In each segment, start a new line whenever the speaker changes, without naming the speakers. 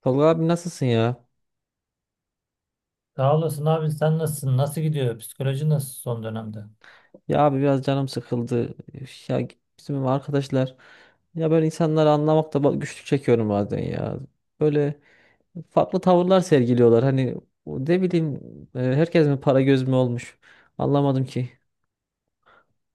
Tolga abi nasılsın ya?
Sağ olasın abi, sen nasılsın? Nasıl gidiyor? Psikoloji nasıl son dönemde?
Ya abi biraz canım sıkıldı. Ya bizim arkadaşlar ya böyle insanları anlamakta güçlük çekiyorum bazen ya. Böyle farklı tavırlar sergiliyorlar. Hani o ne bileyim, herkes mi para göz mü olmuş? Anlamadım ki.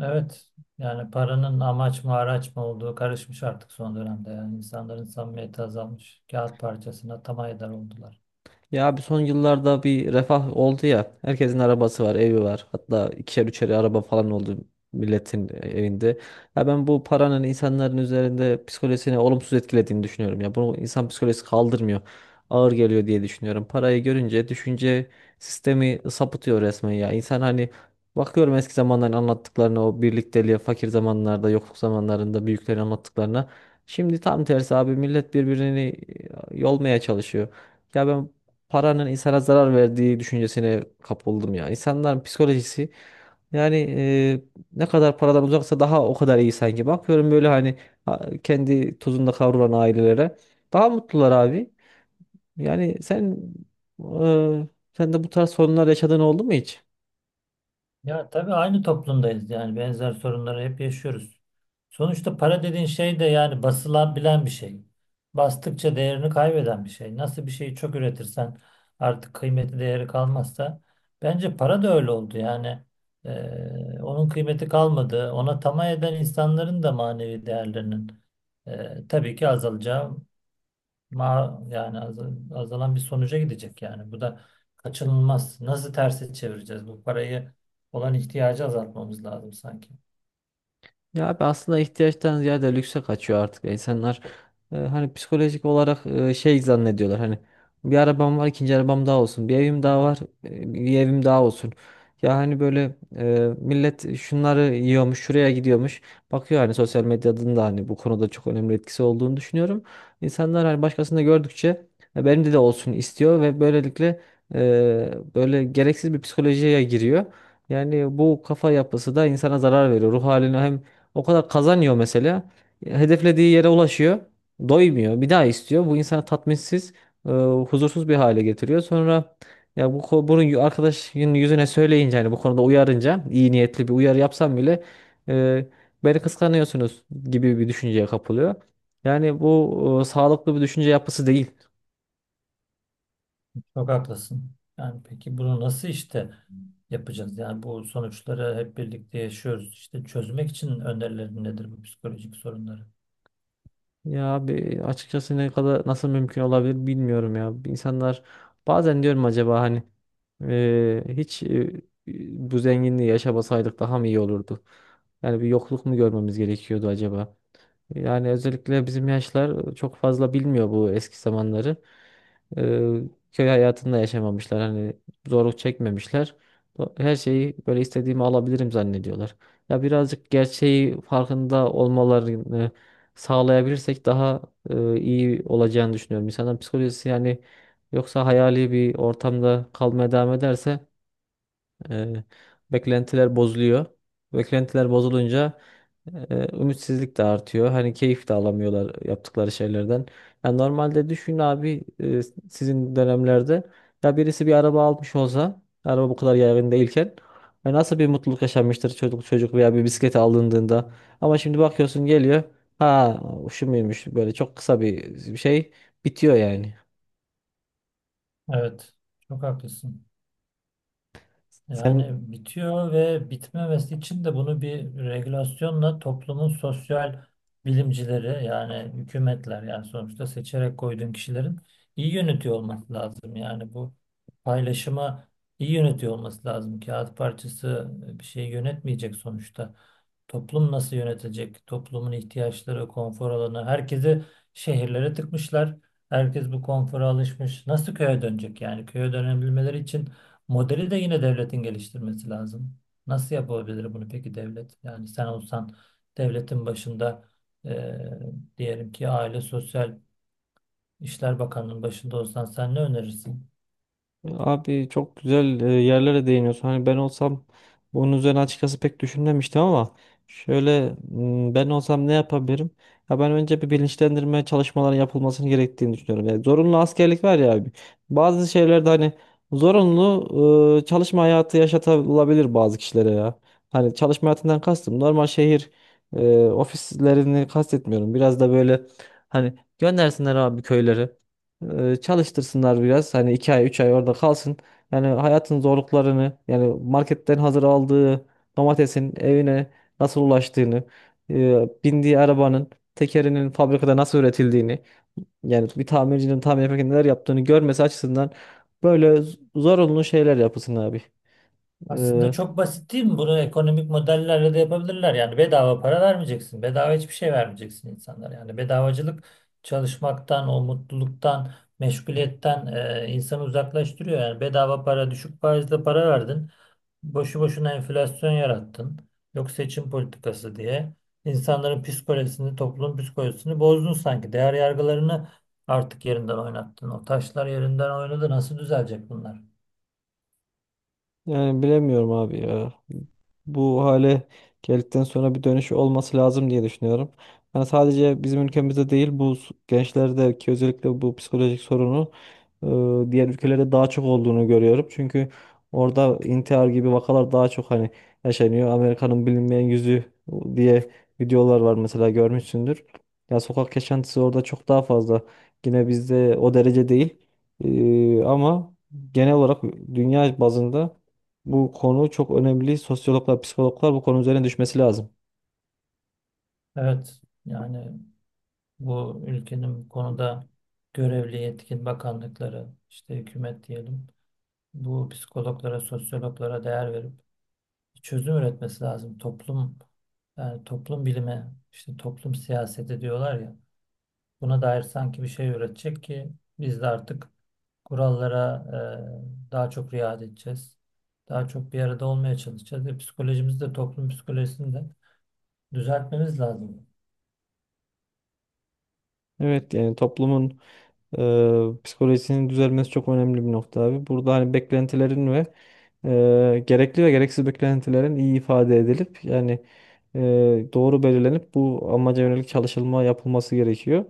Evet, yani paranın amaç mı araç mı olduğu karışmış artık son dönemde. Yani insanların samimiyeti azalmış. Kağıt parçasına tam eder oldular.
Ya abi son yıllarda bir refah oldu ya. Herkesin arabası var, evi var. Hatta ikişer üçer araba falan oldu milletin evinde. Ya ben bu paranın insanların üzerinde psikolojisini olumsuz etkilediğini düşünüyorum. Ya bunu insan psikolojisi kaldırmıyor. Ağır geliyor diye düşünüyorum. Parayı görünce düşünce sistemi sapıtıyor resmen ya. İnsan hani bakıyorum eski zamanların anlattıklarına, o birlikteliğe, fakir zamanlarda, yokluk zamanlarında büyüklerin anlattıklarına. Şimdi tam tersi abi millet birbirini yolmaya çalışıyor. Ya ben paranın insana zarar verdiği düşüncesine kapıldım ya. İnsanların psikolojisi yani, ne kadar paradan uzaksa daha o kadar iyi sanki. Bakıyorum böyle hani kendi tozunda kavrulan ailelere daha mutlular abi. Yani sen, e, sen de bu tarz sorunlar yaşadığın oldu mu hiç?
Ya tabii aynı toplumdayız, yani benzer sorunları hep yaşıyoruz. Sonuçta para dediğin şey de yani basılan bilen bir şey. Bastıkça değerini kaybeden bir şey. Nasıl bir şeyi çok üretirsen artık kıymeti değeri kalmazsa bence para da öyle oldu yani. Onun kıymeti kalmadı. Ona tamah eden insanların da manevi değerlerinin tabii ki azalacağı Ma yani az- azalan bir sonuca gidecek yani. Bu da kaçınılmaz. Nasıl tersi çevireceğiz? Bu parayı olan ihtiyacı azaltmamız lazım sanki.
Ya abi aslında ihtiyaçtan ziyade lükse kaçıyor artık. İnsanlar hani psikolojik olarak şey zannediyorlar. Hani bir arabam var, ikinci arabam daha olsun. Bir evim daha var, bir evim daha olsun. Ya hani böyle, millet şunları yiyormuş, şuraya gidiyormuş. Bakıyor hani sosyal medyanın da hani bu konuda çok önemli etkisi olduğunu düşünüyorum. İnsanlar hani başkasında gördükçe "E, benim de olsun" istiyor ve böylelikle böyle gereksiz bir psikolojiye giriyor. Yani bu kafa yapısı da insana zarar veriyor. Ruh haline hem o kadar kazanıyor mesela. Hedeflediği yere ulaşıyor. Doymuyor. Bir daha istiyor. Bu insanı tatminsiz, e, huzursuz bir hale getiriyor. Sonra ya bu ko- bunu yu- arkadaşın yüzüne söyleyince hani bu konuda uyarınca iyi niyetli bir uyarı yapsam bile e, beni kıskanıyorsunuz gibi bir düşünceye kapılıyor. Yani bu sağlıklı bir düşünce yapısı değil.
Çok haklısın. Yani peki bunu nasıl işte yapacağız? Yani bu sonuçları hep birlikte yaşıyoruz. İşte çözmek için önerilerin nedir bu psikolojik sorunları?
Ya abi açıkçası ne kadar, nasıl mümkün olabilir bilmiyorum ya. İnsanlar bazen diyorum acaba hani hiç bu zenginliği yaşamasaydık daha mı iyi olurdu? Yani bir yokluk mu görmemiz gerekiyordu acaba? Yani özellikle bizim yaşlar çok fazla bilmiyor bu eski zamanları. Ee, Köy hayatında yaşamamışlar. Hani zorluk çekmemişler. Her şeyi böyle istediğimi alabilirim zannediyorlar. Ya birazcık gerçeği farkında olmalarını sağlayabilirsek daha iyi olacağını düşünüyorum. İnsanın psikolojisi yani, yoksa hayali bir ortamda kalmaya devam ederse e, beklentiler bozuluyor. Beklentiler bozulunca ümitsizlik de artıyor. Hani keyif de alamıyorlar yaptıkları şeylerden. Yani normalde düşün abi, sizin dönemlerde ya birisi bir araba almış olsa, araba bu kadar yaygın değilken, ya nasıl bir mutluluk yaşanmıştır çocuk çocuk veya bir bisiklet alındığında. Ama şimdi bakıyorsun geliyor, ha, şu muymuş, böyle çok kısa bir şey, bitiyor yani.
Evet, çok haklısın.
Senin
Yani bitiyor ve bitmemesi için de bunu bir regülasyonla toplumun sosyal bilimcileri, yani hükümetler, yani sonuçta seçerek koyduğun kişilerin iyi yönetiyor olması lazım. Yani bu paylaşıma iyi yönetiyor olması lazım. Kağıt parçası bir şey yönetmeyecek sonuçta. Toplum nasıl yönetecek? Toplumun ihtiyaçları, konfor alanı. Herkesi şehirlere tıkmışlar. Herkes bu konfora alışmış. Nasıl köye dönecek yani? Köye dönebilmeleri için modeli de yine devletin geliştirmesi lazım. Nasıl yapabilir bunu peki devlet? Yani sen olsan devletin başında, e, diyelim ki Aile Sosyal İşler Bakanlığı'nın başında olsan sen ne önerirsin?
abi çok güzel yerlere değiniyorsun. Hani ben olsam bunun üzerine açıkçası pek düşünmemiştim ama şöyle, ben olsam ne yapabilirim? Ya ben önce bir bilinçlendirme çalışmaları yapılmasını gerektiğini düşünüyorum. Yani zorunlu askerlik var ya abi. Bazı şeylerde hani zorunlu çalışma hayatı yaşatılabilir bazı kişilere ya. Hani çalışma hayatından kastım normal şehir ofislerini kastetmiyorum. Biraz da böyle hani göndersinler abi köylere, çalıştırsınlar biraz. Hani 2 ay 3 ay orada kalsın. Yani hayatın zorluklarını, yani marketten hazır aldığı domatesin evine nasıl ulaştığını, bindiği arabanın tekerinin fabrikada nasıl üretildiğini, yani bir tamircinin tamir yaparken neler yaptığını görmesi açısından böyle zorunlu şeyler yapılsın abi.
Aslında çok basit değil mi? Bunu ekonomik modellerle de yapabilirler. Yani bedava para vermeyeceksin. Bedava hiçbir şey vermeyeceksin insanlara. Yani bedavacılık çalışmaktan, o mutluluktan, meşguliyetten insanı uzaklaştırıyor. Yani bedava para, düşük faizle para verdin. Boşu boşuna enflasyon yarattın. Yok seçim politikası diye. İnsanların psikolojisini, toplumun psikolojisini bozdun sanki. Değer yargılarını artık yerinden oynattın. O taşlar yerinden oynadı. Nasıl düzelecek bunlar?
Yani bilemiyorum abi ya. Bu hale geldikten sonra bir dönüş olması lazım diye düşünüyorum. Yani sadece bizim ülkemizde değil bu, gençlerdeki özellikle bu psikolojik sorunu diğer ülkelerde daha çok olduğunu görüyorum. Çünkü orada intihar gibi vakalar daha çok hani yaşanıyor. Amerika'nın bilinmeyen yüzü diye videolar var mesela, görmüşsündür. Ya sokak yaşantısı orada çok daha fazla. Yine bizde o derece değil. Ama genel olarak dünya bazında bu konu çok önemli. Sosyologlar, psikologlar bu konu üzerine düşmesi lazım.
Evet. Yani bu ülkenin bu konuda görevli yetkin bakanlıkları, işte hükümet diyelim, bu psikologlara, sosyologlara değer verip çözüm üretmesi lazım. Toplum, yani toplum bilimi, işte toplum siyaseti diyorlar ya, buna dair sanki bir şey üretecek ki biz de artık kurallara daha çok riayet edeceğiz. Daha çok bir arada olmaya çalışacağız ve psikolojimizi de, toplum psikolojisini de düzeltmemiz lazım.
Evet, yani toplumun psikolojisinin düzelmesi çok önemli bir nokta abi. Burada hani beklentilerin ve gerekli ve gereksiz beklentilerin iyi ifade edilip yani e, doğru belirlenip bu amaca yönelik çalışılma yapılması gerekiyor.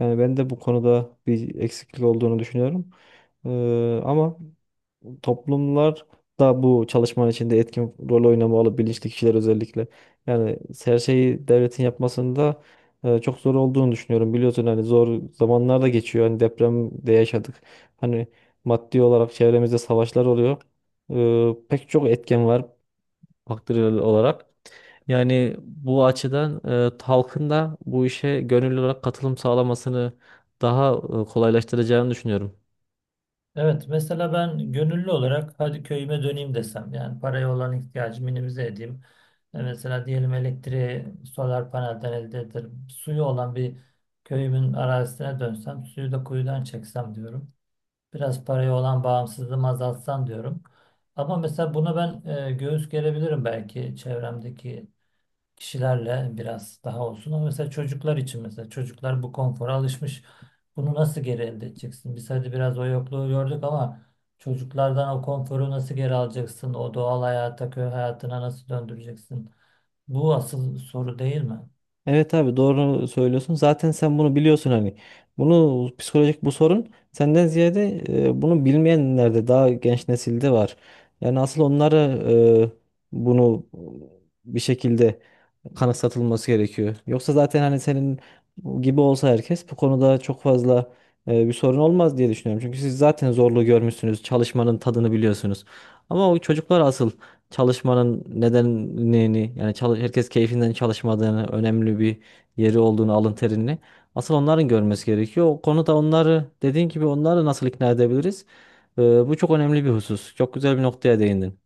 Yani ben de bu konuda bir eksiklik olduğunu düşünüyorum. E, Ama toplumlar da bu çalışmanın içinde etkin rol oynamalı, bilinçli kişiler özellikle. Yani her şeyi devletin yapmasında çok zor olduğunu düşünüyorum. Biliyorsun hani zor zamanlar da geçiyor. Hani depremde yaşadık. Hani maddi olarak çevremizde savaşlar oluyor. Pek çok etken var faktörel olarak. Yani bu açıdan halkın da bu işe gönüllü olarak katılım sağlamasını daha kolaylaştıracağını düşünüyorum.
Evet, mesela ben gönüllü olarak hadi köyüme döneyim desem, yani paraya olan ihtiyacı minimize edeyim. E, mesela diyelim elektriği solar panelden elde ederim. Suyu olan bir köyümün arazisine dönsem, suyu da kuyudan çeksem diyorum. Biraz paraya olan bağımsızlığımı azaltsam diyorum. Ama mesela buna ben göğüs gerebilirim, belki çevremdeki kişilerle biraz daha olsun. Ama mesela çocuklar için, mesela çocuklar bu konfora alışmış. Bunu nasıl geri elde edeceksin? Biz hadi biraz o yokluğu gördük ama çocuklardan o konforu nasıl geri alacaksın? O doğal hayata, köy hayatına nasıl döndüreceksin? Bu asıl soru değil mi?
Evet abi, doğru söylüyorsun. Zaten sen bunu biliyorsun hani. Bunu, psikolojik bu sorun senden ziyade bunu bilmeyenlerde, daha genç nesilde var. Yani asıl onlara e, bunu bir şekilde kanıksatılması gerekiyor. Yoksa zaten hani senin gibi olsa herkes bu konuda çok fazla bir sorun olmaz diye düşünüyorum. Çünkü siz zaten zorluğu görmüşsünüz, çalışmanın tadını biliyorsunuz. Ama o çocuklar asıl çalışmanın nedenini, yani çalış, herkes keyfinden çalışmadığını, önemli bir yeri olduğunu, alın terini asıl onların görmesi gerekiyor. O konuda onları, dediğin gibi, onları nasıl ikna edebiliriz? Bu çok önemli bir husus. Çok güzel bir noktaya değindin.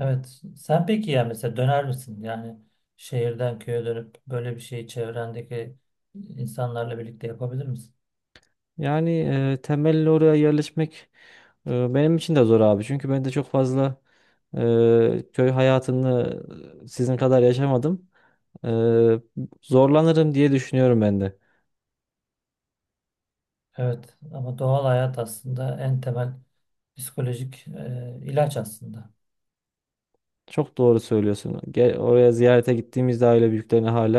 Evet. Sen peki ya mesela döner misin? Yani şehirden köye dönüp böyle bir şeyi çevrendeki insanlarla birlikte yapabilir misin?
Yani temelli oraya yerleşmek benim için de zor abi. Çünkü ben de çok fazla köy hayatını sizin kadar yaşamadım. E, Zorlanırım diye düşünüyorum ben de.
Evet ama doğal hayat aslında en temel psikolojik ilaç aslında.
Çok doğru söylüyorsun. Gel, oraya ziyarete gittiğimizde aile büyüklerine hala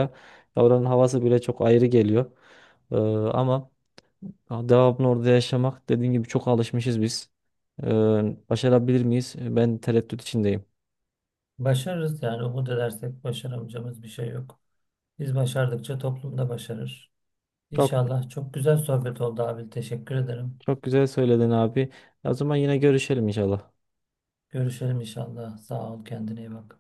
ya oranın havası bile çok ayrı geliyor. Ama devamlı orada yaşamak, dediğin gibi çok alışmışız biz. Ee, Başarabilir miyiz? Ben tereddüt içindeyim.
Başarırız, yani umut edersek başaramayacağımız bir şey yok. Biz başardıkça toplum da başarır.
Çok
İnşallah çok güzel sohbet oldu abi. Teşekkür ederim.
güzel söyledin abi. O zaman yine görüşelim inşallah.
Görüşelim inşallah. Sağ ol, kendine iyi bak.